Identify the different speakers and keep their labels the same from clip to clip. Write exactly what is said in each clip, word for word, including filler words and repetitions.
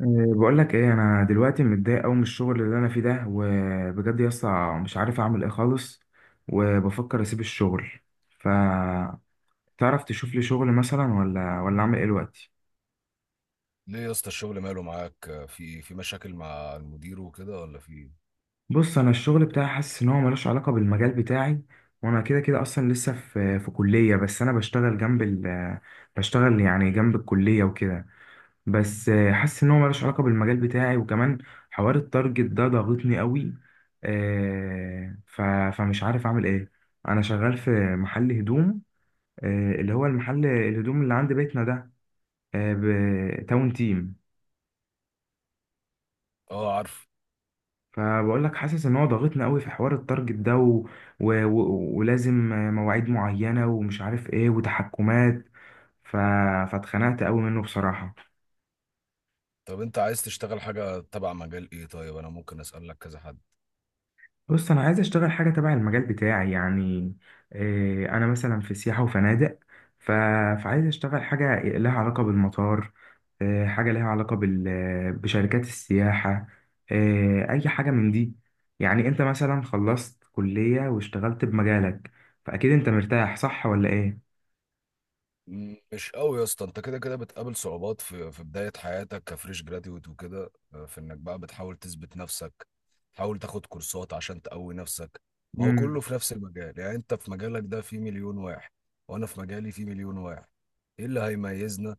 Speaker 1: إيه، بقول لك ايه، انا دلوقتي متضايق قوي من الشغل اللي انا فيه ده، وبجد يا اسطى مش عارف اعمل ايه خالص. وبفكر اسيب الشغل. فتعرف تشوف لي شغل مثلا ولا ولا اعمل ايه دلوقتي؟
Speaker 2: ليه يا اسطى، الشغل ماله معاك؟ في في مشاكل مع المدير وكده ولا في إيه؟
Speaker 1: بص، انا الشغل بتاعي حاسس ان هو ملوش علاقه بالمجال بتاعي. وانا كده كده اصلا لسه في في كليه، بس انا بشتغل جنب ال بشتغل يعني جنب الكليه وكده. بس آه، حاسس ان هو ملوش علاقه بالمجال بتاعي، وكمان حوار التارجت ده ضاغطني قوي. آه، ف- فمش عارف اعمل ايه. انا شغال في محل هدوم. آه، اللي هو المحل الهدوم اللي عند بيتنا ده، تاون تيم.
Speaker 2: اه، عارف.
Speaker 1: فبقول لك حاسس ان هو ضاغطني قوي في حوار التارجت ده، و... و... و... ولازم آه، مواعيد معينه ومش عارف ايه وتحكمات. ف... فاتخنقت قوي منه بصراحه.
Speaker 2: طب انت عايز تشتغل حاجة تبع مجال ايه؟ طيب انا ممكن اسألك كذا حد.
Speaker 1: بص، انا عايز اشتغل حاجه تبع المجال بتاعي يعني. آه، انا مثلا في سياحه وفنادق. ف... فعايز اشتغل حاجه لها علاقه بالمطار. آه، حاجه لها علاقه بال... بشركات السياحه. آه، اي حاجه من دي. يعني انت مثلا خلصت كليه واشتغلت بمجالك، فاكيد انت مرتاح، صح ولا ايه؟
Speaker 2: م- مش قوي يا اسطى، انت كده كده بتقابل صعوبات في في بداية حياتك كفريش جراديويت وكده، آه، في انك بقى بتحاول تثبت نفسك، تحاول تاخد كورسات عشان تقوي نفسك. ما هو
Speaker 1: امم.
Speaker 2: كله في نفس المجال، يعني انت في مجالك ده في مليون واحد، وانا في مجالي في مليون واحد. ايه اللي هيميزنا؟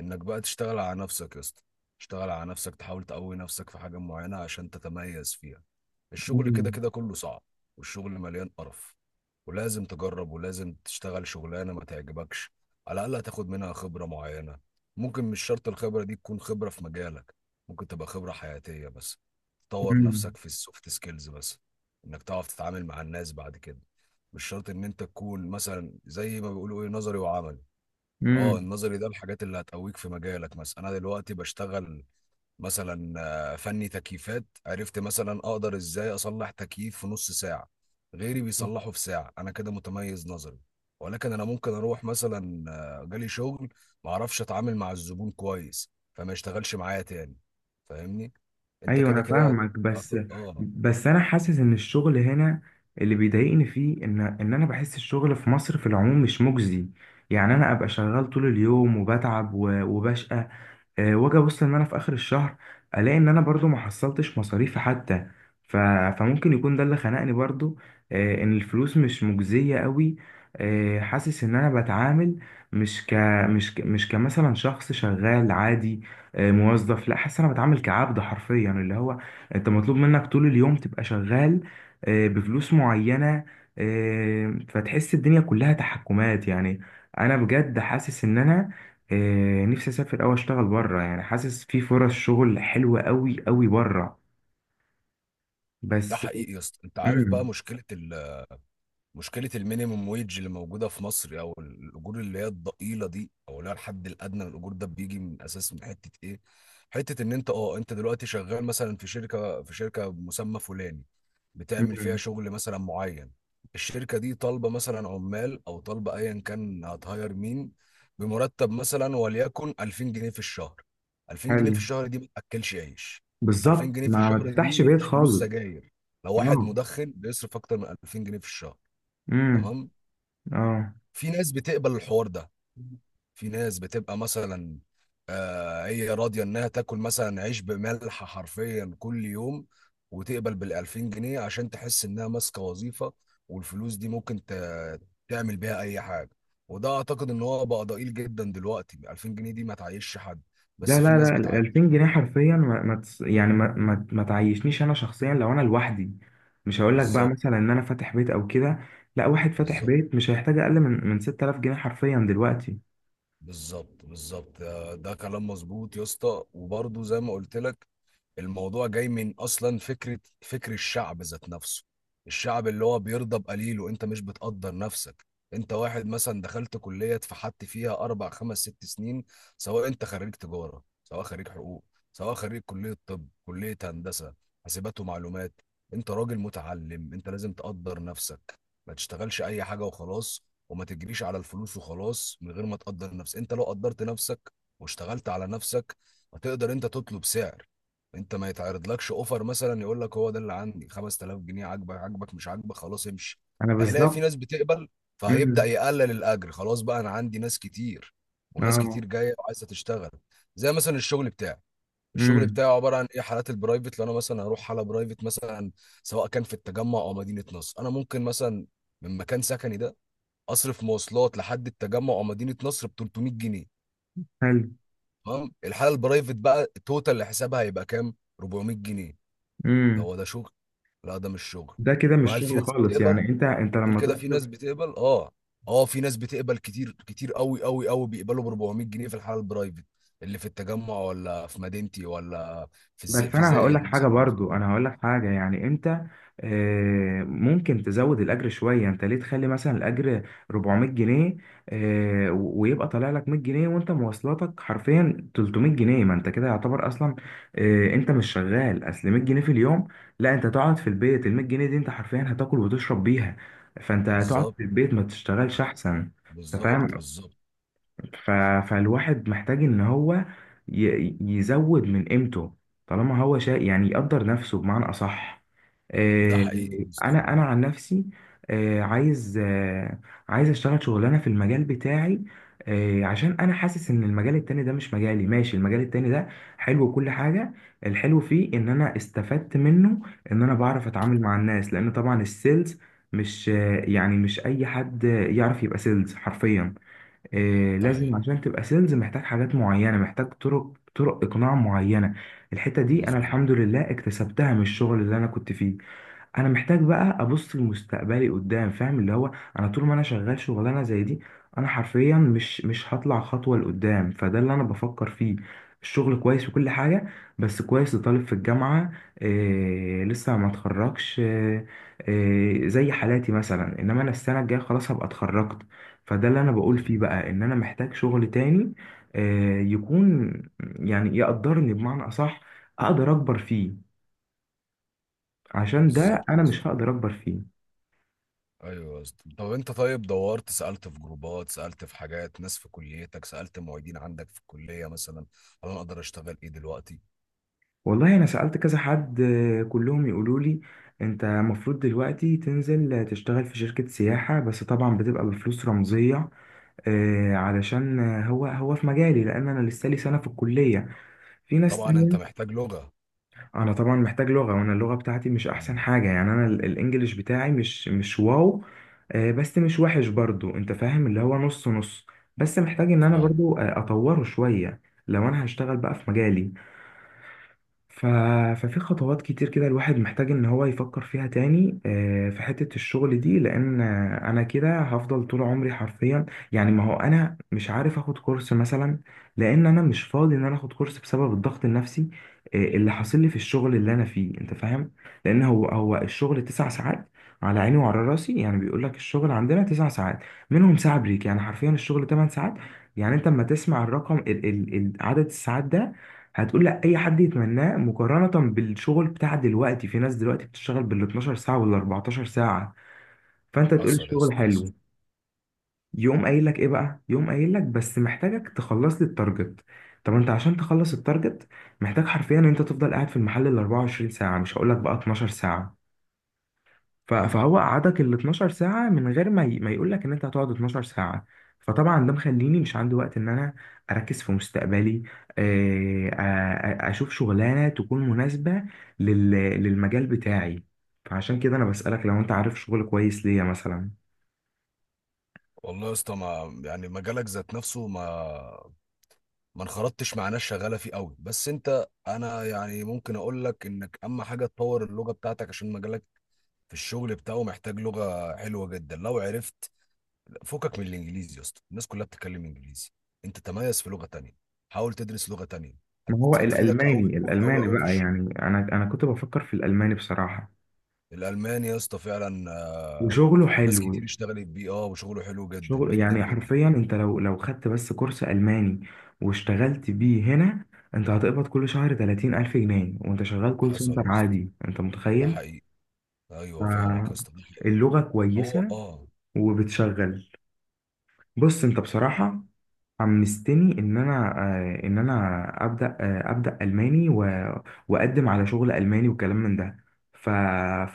Speaker 2: انك بقى تشتغل على نفسك يا اسطى، تشتغل على نفسك، تحاول تقوي نفسك في حاجة معينة عشان تتميز فيها. الشغل كده
Speaker 1: امم.
Speaker 2: كده كله صعب، والشغل مليان قرف، ولازم تجرب ولازم تشتغل شغلانة ما تعجبكش، على الأقل هتاخد منها خبرة معينة. ممكن مش شرط الخبرة دي تكون خبرة في مجالك، ممكن تبقى خبرة حياتية بس، تطور نفسك في السوفت سكيلز بس، انك تعرف تتعامل مع الناس بعد كده. مش شرط ان انت تكون مثلا زي ما بيقولوا ايه، نظري وعملي. اه،
Speaker 1: امم.
Speaker 2: النظري ده الحاجات اللي هتقويك في مجالك. مثلا انا دلوقتي بشتغل مثلا آه، فني تكييفات، عرفت مثلا اقدر ازاي اصلح تكييف في نص ساعة، غيري بيصلحه في ساعة. انا كده متميز نظري، ولكن انا ممكن اروح مثلا، آه، جالي شغل ما اعرفش اتعامل مع الزبون كويس فما يشتغلش معايا تاني. فاهمني؟ انت
Speaker 1: ايوه
Speaker 2: كده
Speaker 1: انا
Speaker 2: كده هت-
Speaker 1: فاهمك، بس
Speaker 2: هت- اه.
Speaker 1: بس انا حاسس ان الشغل هنا اللي بيضايقني فيه، ان ان انا بحس الشغل في مصر في العموم مش مجزي. يعني انا ابقى شغال طول اليوم وبتعب و- وبشقى، آه، واجي ابص ان انا في اخر الشهر الاقي ان انا برضو ما حصلتش مصاريفي حتى. ف... فممكن يكون ده اللي خنقني برضو. آه، ان الفلوس مش مجزية قوي. آه، حاسس ان انا بتعامل مش ك مش ك... مش كمثلا شخص شغال عادي، آه، موظف. لا، حاسس إن انا بتعامل كعبد حرفيا. اللي هو انت مطلوب منك طول اليوم تبقى شغال آه، بفلوس معينة. آه، فتحس الدنيا كلها تحكمات يعني. انا بجد حاسس ان انا آه، نفسي اسافر او اشتغل بره. يعني حاسس في فرص شغل حلوه قوي قوي بره
Speaker 2: ده
Speaker 1: بس.
Speaker 2: حقيقي يا اسطى. انت عارف بقى
Speaker 1: امم.
Speaker 2: مشكلة ال مشكلة المينيموم ويج اللي موجودة في مصر، أو الأجور اللي هي الضئيلة دي، أو اللي هي الحد الأدنى للأجور، ده بيجي من أساس، من حتة إيه؟ حتة إن أنت أه أنت دلوقتي شغال مثلا في شركة، في شركة بمسمى فلاني، بتعمل فيها
Speaker 1: امم.
Speaker 2: شغل مثلا معين. الشركة دي طالبة مثلا عمال، أو طالبة أيا كان، هتهاير مين بمرتب مثلا وليكن ألفين جنيه في الشهر. ألفين جنيه في
Speaker 1: حلو،
Speaker 2: الشهر دي ما تأكلش عيش.
Speaker 1: بالظبط.
Speaker 2: ألفين جنيه في
Speaker 1: ما ما
Speaker 2: الشهر
Speaker 1: تفتحش
Speaker 2: دي
Speaker 1: بيت
Speaker 2: مش فلوس
Speaker 1: خالص.
Speaker 2: سجاير، لو واحد
Speaker 1: اه.
Speaker 2: مدخن بيصرف أكتر من ألفين جنيه في الشهر.
Speaker 1: امم.
Speaker 2: تمام.
Speaker 1: اه.
Speaker 2: في ناس بتقبل الحوار ده، في ناس بتبقى مثلا آه، هي راضيه انها تاكل مثلا عيش بملح حرفيا كل يوم، وتقبل بالألفين جنيه عشان تحس انها ماسكه وظيفه، والفلوس دي ممكن ت- تعمل بيها اي حاجه. وده اعتقد ان هو بقى ضئيل جدا دلوقتي، ألفين جنيه دي ما تعيشش حد،
Speaker 1: لا،
Speaker 2: بس في
Speaker 1: لا،
Speaker 2: ناس
Speaker 1: لا، ال
Speaker 2: بتعيش.
Speaker 1: ألفين جنيه حرفيا ما ما تس- يعني ما ما ما تعيشنيش انا شخصيا لو انا لوحدي. مش هقول لك بقى
Speaker 2: بالظبط،
Speaker 1: مثلا ان انا فاتح بيت او كده، لا واحد فاتح
Speaker 2: بالظبط،
Speaker 1: بيت مش هيحتاج اقل من من ستة آلاف جنيه حرفيا دلوقتي.
Speaker 2: بالظبط، بالظبط، آه، ده كلام مظبوط يا اسطى. وبرضه زي ما قلت لك، الموضوع جاي من اصلا فكره، فكر الشعب ذات نفسه. الشعب اللي هو بيرضى بقليل، وانت مش بتقدر نفسك. انت واحد مثلا دخلت كليه اتفحت فيها اربع خمس ست سنين، سواء انت خريج تجاره، سواء خريج حقوق، سواء خريج كليه طب، كليه هندسه، حاسبات ومعلومات. انت راجل متعلم، انت لازم تقدر نفسك. ما تشتغلش اي حاجه وخلاص، وما تجريش على الفلوس وخلاص من غير ما تقدر نفسك. انت لو قدرت نفسك واشتغلت على نفسك، هتقدر انت تطلب سعر. انت ما يتعرضلكش اوفر مثلا يقول لك هو ده اللي عندي خمستلاف جنيه، عاجبك عاجبك، مش عاجبك خلاص امشي،
Speaker 1: انا
Speaker 2: هيلاقي في
Speaker 1: بالظبط.
Speaker 2: ناس بتقبل، فهيبدأ
Speaker 1: امم.
Speaker 2: يقلل الاجر. خلاص بقى، انا عندي ناس كتير، وناس كتير
Speaker 1: اه.
Speaker 2: جايه وعايزه تشتغل. زي مثلا الشغل بتاعي، الشغل
Speaker 1: امم.
Speaker 2: بتاعي عباره عن ايه؟ حالات البرايفت. لو انا مثلا هروح حاله برايفت مثلا، سواء كان في التجمع او مدينه نصر، انا ممكن مثلا من مكان سكني ده اصرف مواصلات لحد التجمع او مدينه نصر ب تلتمية جنيه.
Speaker 1: حلو.
Speaker 2: تمام. الحاله البرايفت بقى، التوتال اللي حسابها هيبقى كام؟ أربعمائة جنيه. ده
Speaker 1: امم.
Speaker 2: هو ده شغل؟ لا، ده مش شغل.
Speaker 1: ده كده
Speaker 2: بقى
Speaker 1: مش
Speaker 2: هل في
Speaker 1: شغل
Speaker 2: ناس
Speaker 1: خالص، يعني
Speaker 2: بتقبل؟
Speaker 1: انت انت
Speaker 2: هل
Speaker 1: لما
Speaker 2: كده في
Speaker 1: تصرف.
Speaker 2: ناس بتقبل؟ اه، اه، في ناس بتقبل، كتير كتير قوي قوي قوي بيقبلوا ب ربعمية جنيه في الحاله البرايفت اللي في التجمع، ولا في مدينتي، ولا في الز...
Speaker 1: بس
Speaker 2: في
Speaker 1: انا هقول لك
Speaker 2: زايد
Speaker 1: حاجه
Speaker 2: مثلا، ولا في
Speaker 1: برضو،
Speaker 2: اكتوبر.
Speaker 1: انا هقول لك حاجه. يعني انت آه، ممكن تزود الاجر شويه. انت ليه تخلي مثلا الاجر أربعمائة جنيه آه، ويبقى طالع لك مية جنيه، وانت مواصلاتك حرفيا تلتمية جنيه؟ ما انت كده يعتبر اصلا آه، انت مش شغال، اصل مية جنيه في اليوم، لا، انت تقعد في البيت، ال مية جنيه دي انت حرفيا هتاكل وتشرب بيها. فانت هتقعد
Speaker 2: بالظبط،
Speaker 1: في البيت ما تشتغلش احسن. انت
Speaker 2: بالظبط،
Speaker 1: فاهم؟
Speaker 2: بالظبط.
Speaker 1: ف... فالواحد محتاج ان هو ي... يزود من قيمته، طالما هو شيء. يعني يقدر نفسه بمعنى اصح.
Speaker 2: ده
Speaker 1: آه،
Speaker 2: حقيقي يا اسطى،
Speaker 1: انا انا
Speaker 2: آه،
Speaker 1: عن نفسي آه، عايز آه، عايز اشتغل شغلانه في المجال بتاعي. آه، عشان انا حاسس ان المجال التاني ده مش مجالي. ماشي، المجال التاني ده حلو وكل حاجه، الحلو فيه ان انا استفدت منه، ان انا بعرف اتعامل مع الناس، لان طبعا السيلز مش آه، يعني مش اي حد يعرف يبقى سيلز حرفيا. آه،
Speaker 2: ده
Speaker 1: لازم
Speaker 2: حقيقي.
Speaker 1: عشان تبقى سيلز محتاج حاجات معينة، محتاج طرق طرق إقناع معينة. الحتة دي أنا
Speaker 2: مظبوط،
Speaker 1: الحمد لله اكتسبتها من الشغل اللي أنا كنت فيه. انا محتاج بقى ابص لمستقبلي قدام. فاهم؟ اللي هو انا طول ما انا شغال شغلانه زي دي، انا حرفيا مش مش هطلع خطوه لقدام. فده اللي انا بفكر فيه. الشغل كويس وكل حاجه، بس كويس لطالب في الجامعه، إيه لسه ما اتخرجش، إيه إيه زي حالاتي مثلا، انما انا السنه الجايه خلاص هبقى اتخرجت. فده اللي انا بقول
Speaker 2: مظبوط،
Speaker 1: فيه بقى، ان انا محتاج شغل تاني، إيه يكون يعني يقدرني بمعنى اصح، اقدر اكبر فيه. عشان ده
Speaker 2: بالظبط
Speaker 1: انا
Speaker 2: يا
Speaker 1: مش
Speaker 2: اسطى.
Speaker 1: هقدر اكبر فيه.
Speaker 2: ايوه يا اسطى. طب انت، طيب دورت، سالت في جروبات، سالت في حاجات ناس في كليتك، سالت معيدين عندك في الكليه مثلا، هل انا اقدر اشتغل ايه دلوقتي؟
Speaker 1: والله انا سألت كذا حد، آه، كلهم يقولوا لي انت المفروض دلوقتي تنزل آه، تشتغل في شركة سياحة، بس طبعا بتبقى بفلوس رمزية، آه، علشان آه، هو هو في مجالي، لان انا لسه لي سنة في الكلية، في ناس
Speaker 2: طبعا انت
Speaker 1: تانية.
Speaker 2: محتاج لغه.
Speaker 1: انا طبعا محتاج لغة، وانا اللغة بتاعتي مش احسن
Speaker 2: مم.
Speaker 1: حاجة. يعني انا ال- الانجليش بتاعي مش مش واو، آه، بس مش وحش برضو. انت فاهم؟ اللي هو نص نص، بس محتاج ان انا
Speaker 2: فاهم.
Speaker 1: برضو آه، اطوره شوية. لو انا هشتغل بقى في مجالي، ف... ففي خطوات كتير كده الواحد محتاج ان هو يفكر فيها تاني آه، في حتة الشغل دي. لان آه، انا كده هفضل طول عمري حرفيا. يعني ما هو انا مش عارف اخد كورس مثلا، لان انا مش فاضي ان انا اخد كورس، بسبب الضغط النفسي آه، اللي حاصل لي في الشغل اللي انا فيه. انت فاهم؟ لان هو هو الشغل تسع ساعات، على عيني وعلى راسي. يعني بيقول لك الشغل عندنا تسع ساعات، منهم ساعة بريك، يعني حرفيا الشغل 8 ساعات. يعني انت لما تسمع الرقم، ال ال ال- عدد الساعات ده، هتقول لا اي حد يتمناه مقارنة بالشغل بتاع دلوقتي. في ناس دلوقتي بتشتغل بال 12 ساعة وال 14 ساعة، فانت تقول
Speaker 2: حصل يا
Speaker 1: الشغل
Speaker 2: اسطى، حصل.
Speaker 1: حلو. يقوم قايل لك ايه بقى، يقوم قايل لك بس محتاجك تخلص لي التارجت. طب انت عشان تخلص التارجت محتاج حرفيا ان انت تفضل قاعد في المحل ال 24 ساعة، مش هقول لك بقى 12 ساعة. ف- فهو قعدك ال 12 ساعة من غير ما ي... ما يقول لك ان انت هتقعد 12 ساعة. فطبعا ده مخليني مش عندي وقت ان انا اركز في مستقبلي، آه، آه، اشوف شغلانة تكون مناسبة لل... للمجال بتاعي. فعشان كده انا بسألك لو انت عارف شغل كويس ليا مثلا.
Speaker 2: والله يا اسطى، ما يعني مجالك ذات نفسه، ما ما انخرطتش مع ناس شغاله فيه قوي، بس انت انا يعني ممكن اقول لك انك اهم حاجه تطور اللغه بتاعتك، عشان مجالك في الشغل بتاعه محتاج لغه حلوه جدا. لو عرفت فكك من الانجليزي يا اسطى، الناس كلها بتتكلم انجليزي، انت تميز في لغه تانية، حاول تدرس لغه تانية،
Speaker 1: ما هو
Speaker 2: هت- هتفيدك قوي
Speaker 1: الالماني،
Speaker 2: قوي قوي
Speaker 1: الالماني
Speaker 2: قوي في
Speaker 1: بقى،
Speaker 2: الشغل.
Speaker 1: يعني انا انا كنت بفكر في الالماني بصراحة،
Speaker 2: الالماني يا اسطى فعلا، آه،
Speaker 1: وشغله
Speaker 2: ناس
Speaker 1: حلو.
Speaker 2: كتير اشتغلت بيه، اه وشغله حلو جدا
Speaker 1: شغل
Speaker 2: جدا
Speaker 1: يعني
Speaker 2: جدا.
Speaker 1: حرفيا، انت لو لو خدت بس كورس ألماني واشتغلت بيه هنا، انت هتقبض كل شهر تلاتين الف جنيه وانت شغال كول
Speaker 2: حصل
Speaker 1: سنتر
Speaker 2: يا اسطى،
Speaker 1: عادي. انت
Speaker 2: ده
Speaker 1: متخيل؟
Speaker 2: حقيقي. ايوه فاهمك يا
Speaker 1: ف-
Speaker 2: اسطى، ده حقيقي.
Speaker 1: اللغة
Speaker 2: هو،
Speaker 1: كويسة
Speaker 2: اه.
Speaker 1: وبتشغل. بص، انت بصراحة حمستني ان انا آه، ان انا ابدا آه، ابدا الماني و- واقدم على شغل الماني وكلام من ده. ف...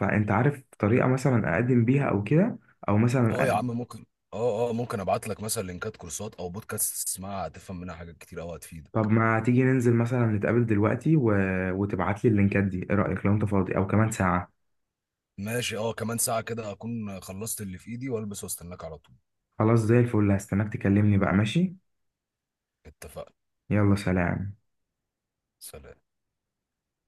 Speaker 1: فانت عارف طريقه مثلا اقدم بيها او كده، او مثلا.
Speaker 2: اه يا عم، ممكن. اه، اه، ممكن ابعت لك مثلا لينكات كورسات او بودكاست تسمعها، هتفهم منها حاجات كتير قوي
Speaker 1: طب
Speaker 2: هتفيدك.
Speaker 1: ما تيجي ننزل مثلا نتقابل دلوقتي و... وتبعت لي اللينكات دي، ايه رأيك لو انت فاضي او كمان ساعة؟
Speaker 2: ماشي، اه، كمان ساعة كده هكون خلصت اللي في ايدي والبس واستناك على طول.
Speaker 1: خلاص، زي الفل، هستناك تكلمني بقى. ماشي،
Speaker 2: اتفقنا.
Speaker 1: يلا سلام.
Speaker 2: سلام.